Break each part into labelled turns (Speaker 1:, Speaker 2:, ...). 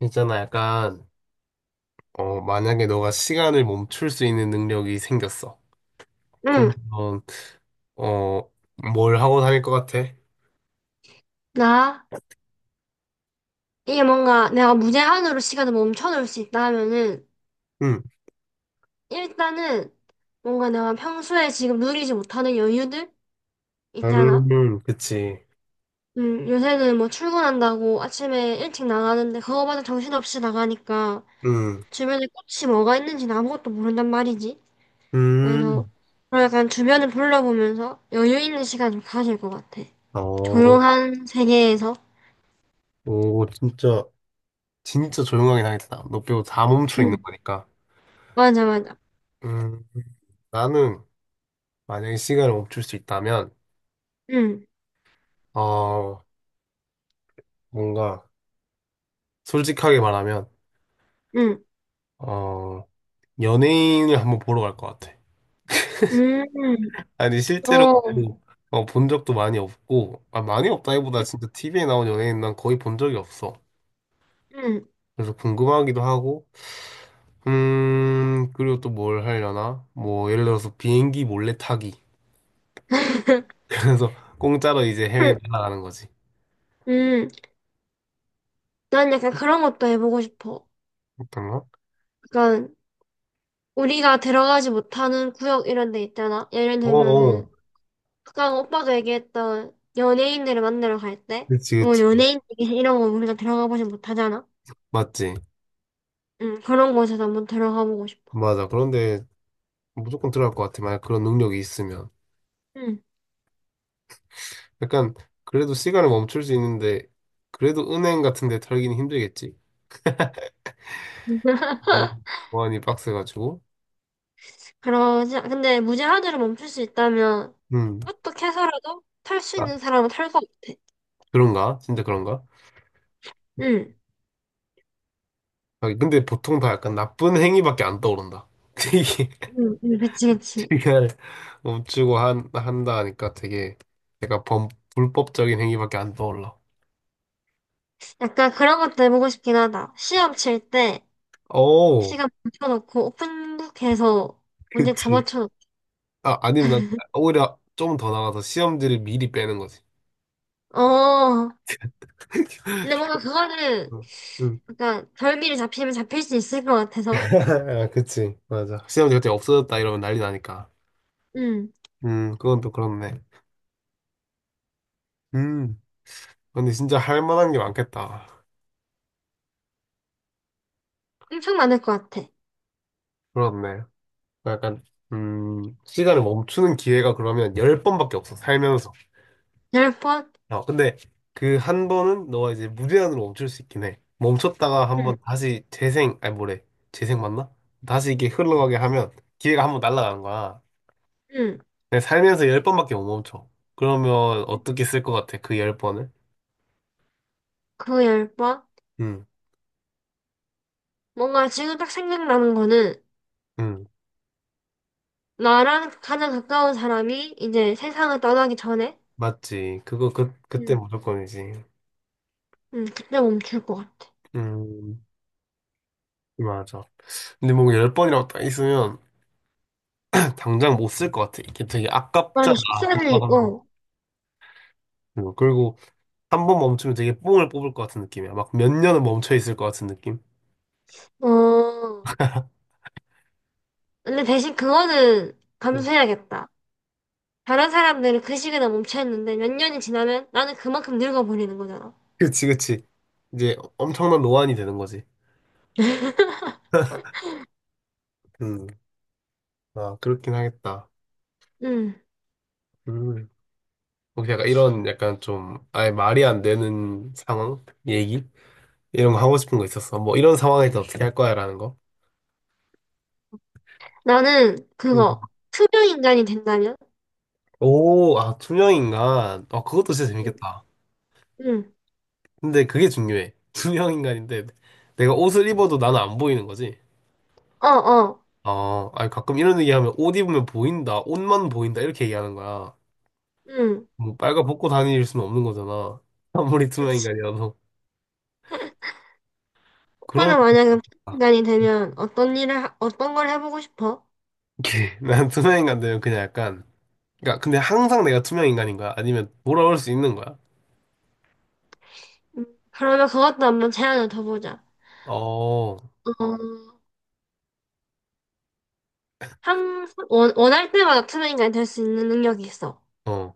Speaker 1: 있잖아, 약간, 만약에 너가 시간을 멈출 수 있는 능력이 생겼어.
Speaker 2: 응,
Speaker 1: 그러면, 어, 뭘 하고 다닐 것 같아?
Speaker 2: 나, 이게 뭔가 내가 무제한으로 시간을 멈춰놓을 수 있다 하면은,
Speaker 1: 응,
Speaker 2: 일단은 뭔가 내가 평소에 지금 누리지 못하는 여유들 있잖아.
Speaker 1: 그치.
Speaker 2: 요새는 뭐 출근한다고 아침에 일찍 나가는데 그거마저 정신없이 나가니까
Speaker 1: 응,
Speaker 2: 주변에 꽃이 뭐가 있는지는 아무것도 모른단 말이지.
Speaker 1: 음,
Speaker 2: 그래서 약간 주변을 둘러보면서 여유 있는 시간 좀 가질 것 같아.
Speaker 1: 어,
Speaker 2: 조용한 세계에서.
Speaker 1: 오, 진짜, 진짜 조용하게 다녔다. 너 빼고 다 멈춰 있는
Speaker 2: 응,
Speaker 1: 거니까.
Speaker 2: 맞아, 맞아.
Speaker 1: 음, 나는 만약에 시간을 멈출 수 있다면,
Speaker 2: 응,
Speaker 1: 어, 뭔가, 솔직하게 말하면,
Speaker 2: 응,
Speaker 1: 어, 연예인을 한번 보러 갈 것 같아.
Speaker 2: 음,
Speaker 1: 아니 실제로
Speaker 2: 어.
Speaker 1: 뭐, 어, 본 적도 많이 없고 아, 많이 없다기보다 진짜 TV에 나온 연예인 난 거의 본 적이 없어.
Speaker 2: 응.
Speaker 1: 그래서 궁금하기도 하고 그리고 또 뭘 하려나? 뭐 예를 들어서 비행기 몰래 타기. 그래서 공짜로 이제 해외 나가는 거지.
Speaker 2: 음, 난 약간 그런 것도 해보고 싶어.
Speaker 1: 어떤 거?
Speaker 2: 약간, 우리가 들어가지 못하는 구역 이런 데 있잖아. 예를
Speaker 1: 어어
Speaker 2: 들면은, 아까 오빠가 얘기했던 연예인들을 만나러 갈 때,
Speaker 1: 그치
Speaker 2: 뭐
Speaker 1: 그치
Speaker 2: 연예인 얘기 이런 거 우리가 들어가 보지 못하잖아.
Speaker 1: 맞지
Speaker 2: 응, 그런 곳에서 한번 들어가 보고 싶어.
Speaker 1: 맞아. 그런데 무조건 들어갈 것 같아. 만약 그런 능력이 있으면
Speaker 2: 응.
Speaker 1: 약간 그래도 시간을 멈출 수 있는데 그래도 은행 같은 데 털기는 힘들겠지. 음, 보안이 빡세가지고.
Speaker 2: 그러지, 근데 무제한으로 멈출 수 있다면,
Speaker 1: 음.
Speaker 2: 어떻게 해서라도 탈 수
Speaker 1: 아,
Speaker 2: 있는 사람은 탈 것 같아.
Speaker 1: 그런가? 진짜 그런가?
Speaker 2: 응,
Speaker 1: 아, 근데 보통 다 약간 나쁜 행위밖에 안 떠오른다.
Speaker 2: 응, 응, 그치, 그치.
Speaker 1: 되게 시간을 멈추고 한다 하니까 되게 약간 불법적인 행위밖에 안 떠올라.
Speaker 2: 약간 그런 것도 해보고 싶긴 하다. 시험 칠 때
Speaker 1: 오,
Speaker 2: 시간 맞춰놓고 오픈북 해서 문제 다
Speaker 1: 그치.
Speaker 2: 맞춰놓고.
Speaker 1: 아, 아니면 난 오히려 좀 더 나가서 시험지를 미리 빼는 거지.
Speaker 2: 어, 근데 뭔가 그거는
Speaker 1: 응. 응.
Speaker 2: 약간 별미를 잡히면 잡힐 수 있을 것 같아서.
Speaker 1: 아, 그치. 맞아. 시험지 갑자기 없어졌다 이러면 난리 나니까.
Speaker 2: 음,
Speaker 1: 그건 또 그렇네. 음, 근데 진짜 할 만한 게 많겠다.
Speaker 2: 엄청 많을 것 같아.
Speaker 1: 그렇네. 그 약간 시간을 멈추는 기회가 그러면 열 번밖에 없어 살면서.
Speaker 2: 열 번?
Speaker 1: 어 근데 그 한 번은 너가 이제 무제한으로 멈출 수 있긴 해. 멈췄다가 한번
Speaker 2: 응,
Speaker 1: 다시 재생 아니 뭐래 재생 맞나? 다시 이게 흘러가게 하면 기회가 한번 날아가는 거야.
Speaker 2: 응.
Speaker 1: 근데 살면서 열 번밖에 못 멈춰. 그러면 어떻게 쓸 것 같아 그 10번을?
Speaker 2: 그 열 번?
Speaker 1: 응,
Speaker 2: 뭔가 지금 딱 생각나는 거는
Speaker 1: 응
Speaker 2: 나랑 가장 가까운 사람이 이제 세상을 떠나기 전에
Speaker 1: 맞지. 그거 그 그때
Speaker 2: 응,
Speaker 1: 무조건이지.
Speaker 2: 응, 그때 멈출 것 같아.
Speaker 1: 음 맞아. 근데 뭔가 10번이라고 딱 있으면 당장 못 쓸 것 같아. 이게 되게
Speaker 2: 맞아,
Speaker 1: 아깝잖아.
Speaker 2: 14일,
Speaker 1: 한번 한 번.
Speaker 2: 어,
Speaker 1: 응, 그리고 한 번 멈추면 되게 뽕을 뽑을 것 같은 느낌이야. 막 몇 년은 멈춰 있을 것 같은 느낌.
Speaker 2: 어. 근데 대신 그거는
Speaker 1: 응.
Speaker 2: 감수해야겠다. 다른 사람들은 그 시기에 멈춰있는데 몇 년이 지나면 나는 그만큼 늙어버리는 거잖아.
Speaker 1: 그치, 그치. 이제 엄청난 노안이 되는 거지. 음, 아, 그렇긴 하겠다.
Speaker 2: 응.
Speaker 1: 음. 혹시 약간 이런 약간 좀 아예 말이 안 되는 상황? 얘기? 이런 거 하고 싶은 거 있었어. 뭐 이런 상황에서 어떻게 할 거야? 라는 거.
Speaker 2: 나는
Speaker 1: 음.
Speaker 2: 그거 투명인간이 된다면?
Speaker 1: 오, 아, 투명 인간. 아, 그것도 진짜
Speaker 2: 응.
Speaker 1: 재밌겠다.
Speaker 2: 응.
Speaker 1: 근데 그게 중요해. 투명 인간인데 내가 옷을 입어도 나는 안 보이는 거지.
Speaker 2: 어, 어.
Speaker 1: 아, 아니 가끔 이런 얘기하면 옷 입으면 보인다, 옷만 보인다 이렇게 얘기하는 거야.
Speaker 2: 응.
Speaker 1: 뭐 빨간 벗고 다닐 수는 없는 거잖아. 아무리 투명
Speaker 2: 그치.
Speaker 1: 인간이라도. 그럼
Speaker 2: 오빠는 만약에 투명인간이 되면 어떤 일을, 하- 어떤 걸 해보고 싶어?
Speaker 1: 이렇게 난 투명 인간 되면 그냥 약간 그러니까 근데 항상 내가 투명 인간인 거야? 아니면 돌아올 수 있는 거야?
Speaker 2: 응. 그러면 그것도 한번 제안을 더 보자.
Speaker 1: 어,
Speaker 2: 어, 항상 원할 때마다 투명인간이 될 수 있는 능력이 있어.
Speaker 1: 어.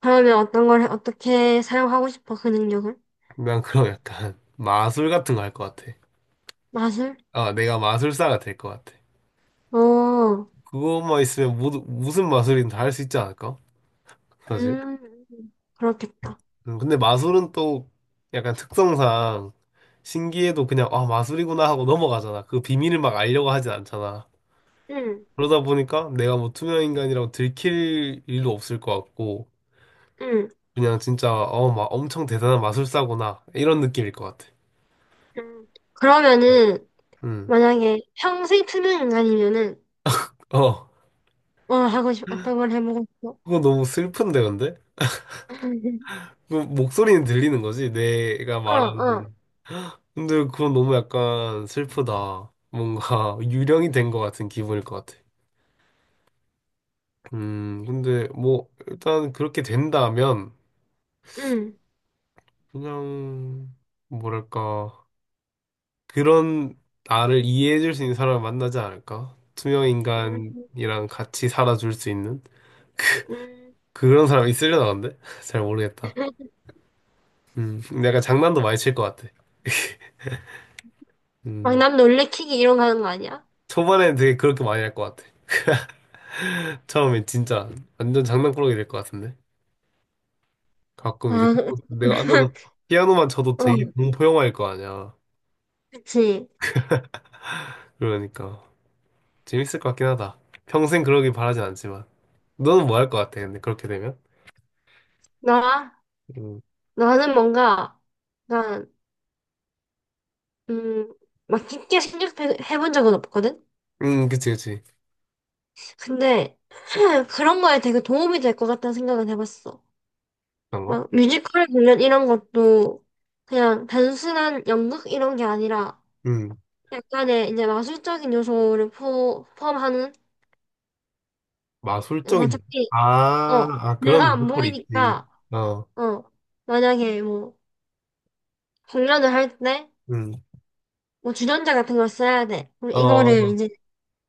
Speaker 2: 그러면 어떤 걸, 해- 어떻게 사용하고 싶어? 그 능력을?
Speaker 1: 난 그럼 약간 마술 같은 거 할 것 같아.
Speaker 2: 맛을?
Speaker 1: 아, 내가 마술사가 될 것 같아.
Speaker 2: 어,
Speaker 1: 그것만 있으면 모두, 무슨 마술이든 다 할 수 있지 않을까? 사실.
Speaker 2: 음, 그렇겠다.
Speaker 1: 근데 마술은 또 약간 특성상 신기해도 그냥 아 마술이구나 하고 넘어가잖아. 그 비밀을 막 알려고 하진 않잖아.
Speaker 2: 응
Speaker 1: 그러다 보니까 내가 뭐 투명 인간이라고 들킬 일도 없을 것 같고
Speaker 2: 응
Speaker 1: 그냥 진짜 어 막 엄청 대단한 마술사구나 이런 느낌일 것 같아.
Speaker 2: 응 그러면은,
Speaker 1: 음,
Speaker 2: 만약에 평생 투명 인간이면은,
Speaker 1: 어
Speaker 2: 뭐 하고 싶, 어떤 걸 해보고 싶어?
Speaker 1: 그거 너무 슬픈데 근데 그 목소리는 들리는 거지 내가
Speaker 2: 어, 어,
Speaker 1: 말하는. 근데 그건 너무 약간 슬프다. 뭔가 유령이 된 것 같은 기분일 것 같아. 근데 뭐 일단 그렇게 된다면
Speaker 2: 응
Speaker 1: 그냥 뭐랄까 그런 나를 이해해줄 수 있는 사람을 만나지 않을까? 투명
Speaker 2: 응
Speaker 1: 인간이랑 같이 살아줄 수 있는
Speaker 2: 응
Speaker 1: 그런 사람이 있으려나 근데 잘 모르겠다. 근데 약간 장난도 많이 칠 것 같아.
Speaker 2: 막
Speaker 1: 음,
Speaker 2: 남 놀래키기 이런 거 하는 거 아니야?
Speaker 1: 초반에는 되게 그렇게 많이 할 것 같아. 처음엔 진짜 완전 장난꾸러기 될 것 같은데 가끔 이제
Speaker 2: 아,
Speaker 1: 내가 앉아서 피아노만 쳐도
Speaker 2: 어,
Speaker 1: 되게 공포 영화일 거 아니야.
Speaker 2: 그치.
Speaker 1: 그러니까. 재밌을 것 같긴 하다. 평생 그러길 바라진 않지만. 너는 뭐 할 것 같아, 근데, 그렇게 되면?
Speaker 2: 나,
Speaker 1: 음,
Speaker 2: 나는 뭔가, 난, 음, 막 깊게 생각해본 적은 없거든?
Speaker 1: 그치, 그치.
Speaker 2: 근데, 그런 거에 되게 도움이 될 것 같다는 생각은 해봤어.
Speaker 1: 그런 거?
Speaker 2: 막 뮤지컬 공연 이런 것도 그냥 단순한 연극 이런 게 아니라
Speaker 1: 음,
Speaker 2: 약간의 이제 마술적인 요소를 포함하는 그러니까
Speaker 1: 마술적인. 일.
Speaker 2: 어차피 어
Speaker 1: 아, 아,
Speaker 2: 내가
Speaker 1: 그런
Speaker 2: 안
Speaker 1: 로컬이 있지.
Speaker 2: 보이니까
Speaker 1: 어,
Speaker 2: 어 만약에 뭐 공연을 할 때
Speaker 1: 음,
Speaker 2: 뭐 주전자 같은 걸 써야 돼. 그럼
Speaker 1: 어,
Speaker 2: 이거를 이제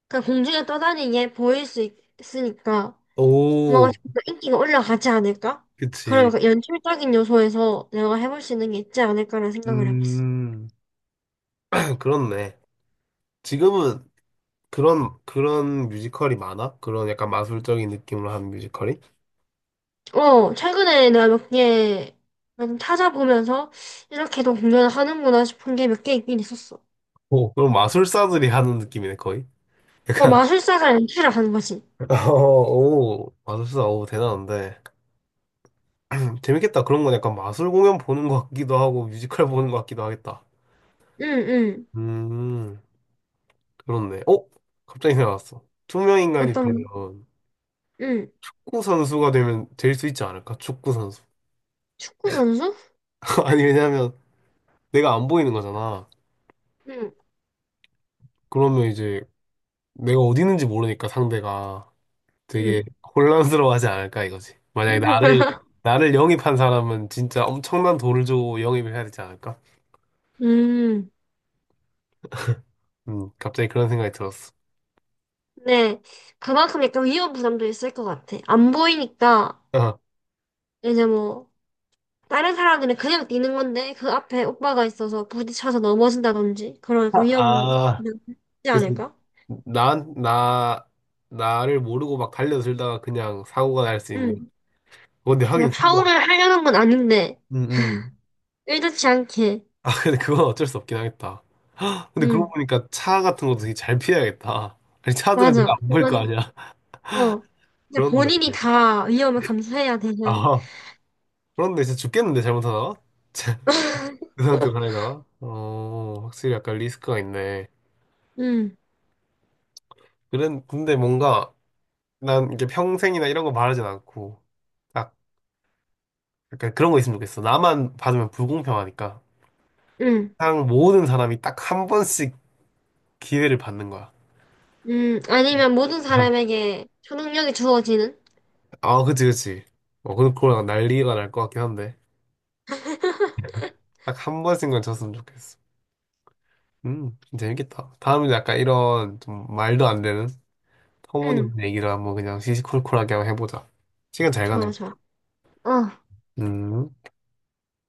Speaker 2: 그냥 공중에 떠다니게 보일 수 있으니까
Speaker 1: 오,
Speaker 2: 뭔가 좀 더 인기가 올라가지 않을까? 그런
Speaker 1: 그치.
Speaker 2: 약간 연출적인 요소에서 내가 해볼 수 있는 게 있지 않을까라는 생각을 해봤어.
Speaker 1: 음, 그렇네. 지금은 그런, 그런 뮤지컬이 많아? 그런 약간 마술적인 느낌으로 한 뮤지컬이?
Speaker 2: 어, 최근에 내가 몇 개, 찾아보면서, 이렇게도 공연을 하는구나 싶은 게 몇 개 있긴 있었어.
Speaker 1: 오, 그럼 마술사들이 하는 느낌이네, 거의.
Speaker 2: 어, 마술사가 연출을 하는 거지.
Speaker 1: 어, 오, 마술사, 오, 대단한데. 재밌겠다. 그런 건 약간 마술 공연 보는 것 같기도 하고 뮤지컬 보는 것 같기도 하겠다.
Speaker 2: 응, 응.
Speaker 1: 음, 그렇네. 어? 갑자기 생각났어. 투명 인간이
Speaker 2: 어떤,
Speaker 1: 되면
Speaker 2: 거? 응.
Speaker 1: 축구 선수가 되면 될 수 있지 않을까? 축구 선수.
Speaker 2: 축구 선수?
Speaker 1: 아니 왜냐면 내가 안 보이는 거잖아.
Speaker 2: 응,
Speaker 1: 그러면 이제 내가 어디 있는지 모르니까 상대가 되게
Speaker 2: 응.
Speaker 1: 혼란스러워하지 않을까 이거지. 만약에 나를 나를 영입한 사람은 진짜 엄청난 돈을 주고 영입을 해야 되지 않을까?
Speaker 2: 음,
Speaker 1: 갑자기 그런 생각이 들었어.
Speaker 2: 네. 그만큼 약간 위험 부담도 있을 것 같아. 안 보이니까, 이제 뭐, 다른 사람들은 그냥 뛰는 건데, 그 앞에 오빠가 있어서 부딪혀서 넘어진다든지, 그런 약간 위험,
Speaker 1: 아,
Speaker 2: 부담이 있지
Speaker 1: 그래서
Speaker 2: 않을까?
Speaker 1: 나, 나, 나를 모르고 막 달려들다가 그냥 사고가 날 수 있는.
Speaker 2: 응.
Speaker 1: 근데
Speaker 2: 그냥
Speaker 1: 하긴 진짜.
Speaker 2: 파울을 하려는 건 아닌데,
Speaker 1: 음, 음.
Speaker 2: 의도치 않게.
Speaker 1: 아, 근데 그건 어쩔 수 없긴 하겠다. 근데 그러고
Speaker 2: 응,
Speaker 1: 보니까 차 같은 것도 되게 잘 피해야겠다. 아니, 차들은
Speaker 2: 맞아.
Speaker 1: 내가 안 보일 거
Speaker 2: 그건,
Speaker 1: 아니야.
Speaker 2: 어. 이제
Speaker 1: 그런데.
Speaker 2: 본인이 다 위험을 감수해야 되는.
Speaker 1: 아, 그런데 진짜 죽겠는데, 잘못하다가? 그 상태로 가려다가? 어, 확실히 약간 리스크가 있네.
Speaker 2: 응,
Speaker 1: 그런, 근데 뭔가 난 이게 평생이나 이런 거 바라진 않고, 딱 약간 그런 거 있으면 좋겠어. 나만 받으면 불공평하니까.
Speaker 2: 응,
Speaker 1: 세상 모든 사람이 딱 한 번씩 기회를 받는 거야.
Speaker 2: 응. 아니면 모든 사람에게 초능력이 주어지는?
Speaker 1: 아, 아, 그치, 그치. 어, 근데 그걸 난리가 날 것 같긴 한데. 딱 한 번씩만 졌으면 좋겠어. 재밌겠다. 다음은 약간 이런 좀 말도 안 되는
Speaker 2: 응,
Speaker 1: 터무니없는 얘기를 한번 그냥 시시콜콜하게 한번 해보자. 시간 잘 가네.
Speaker 2: 좋아, 좋아. 어.
Speaker 1: 음.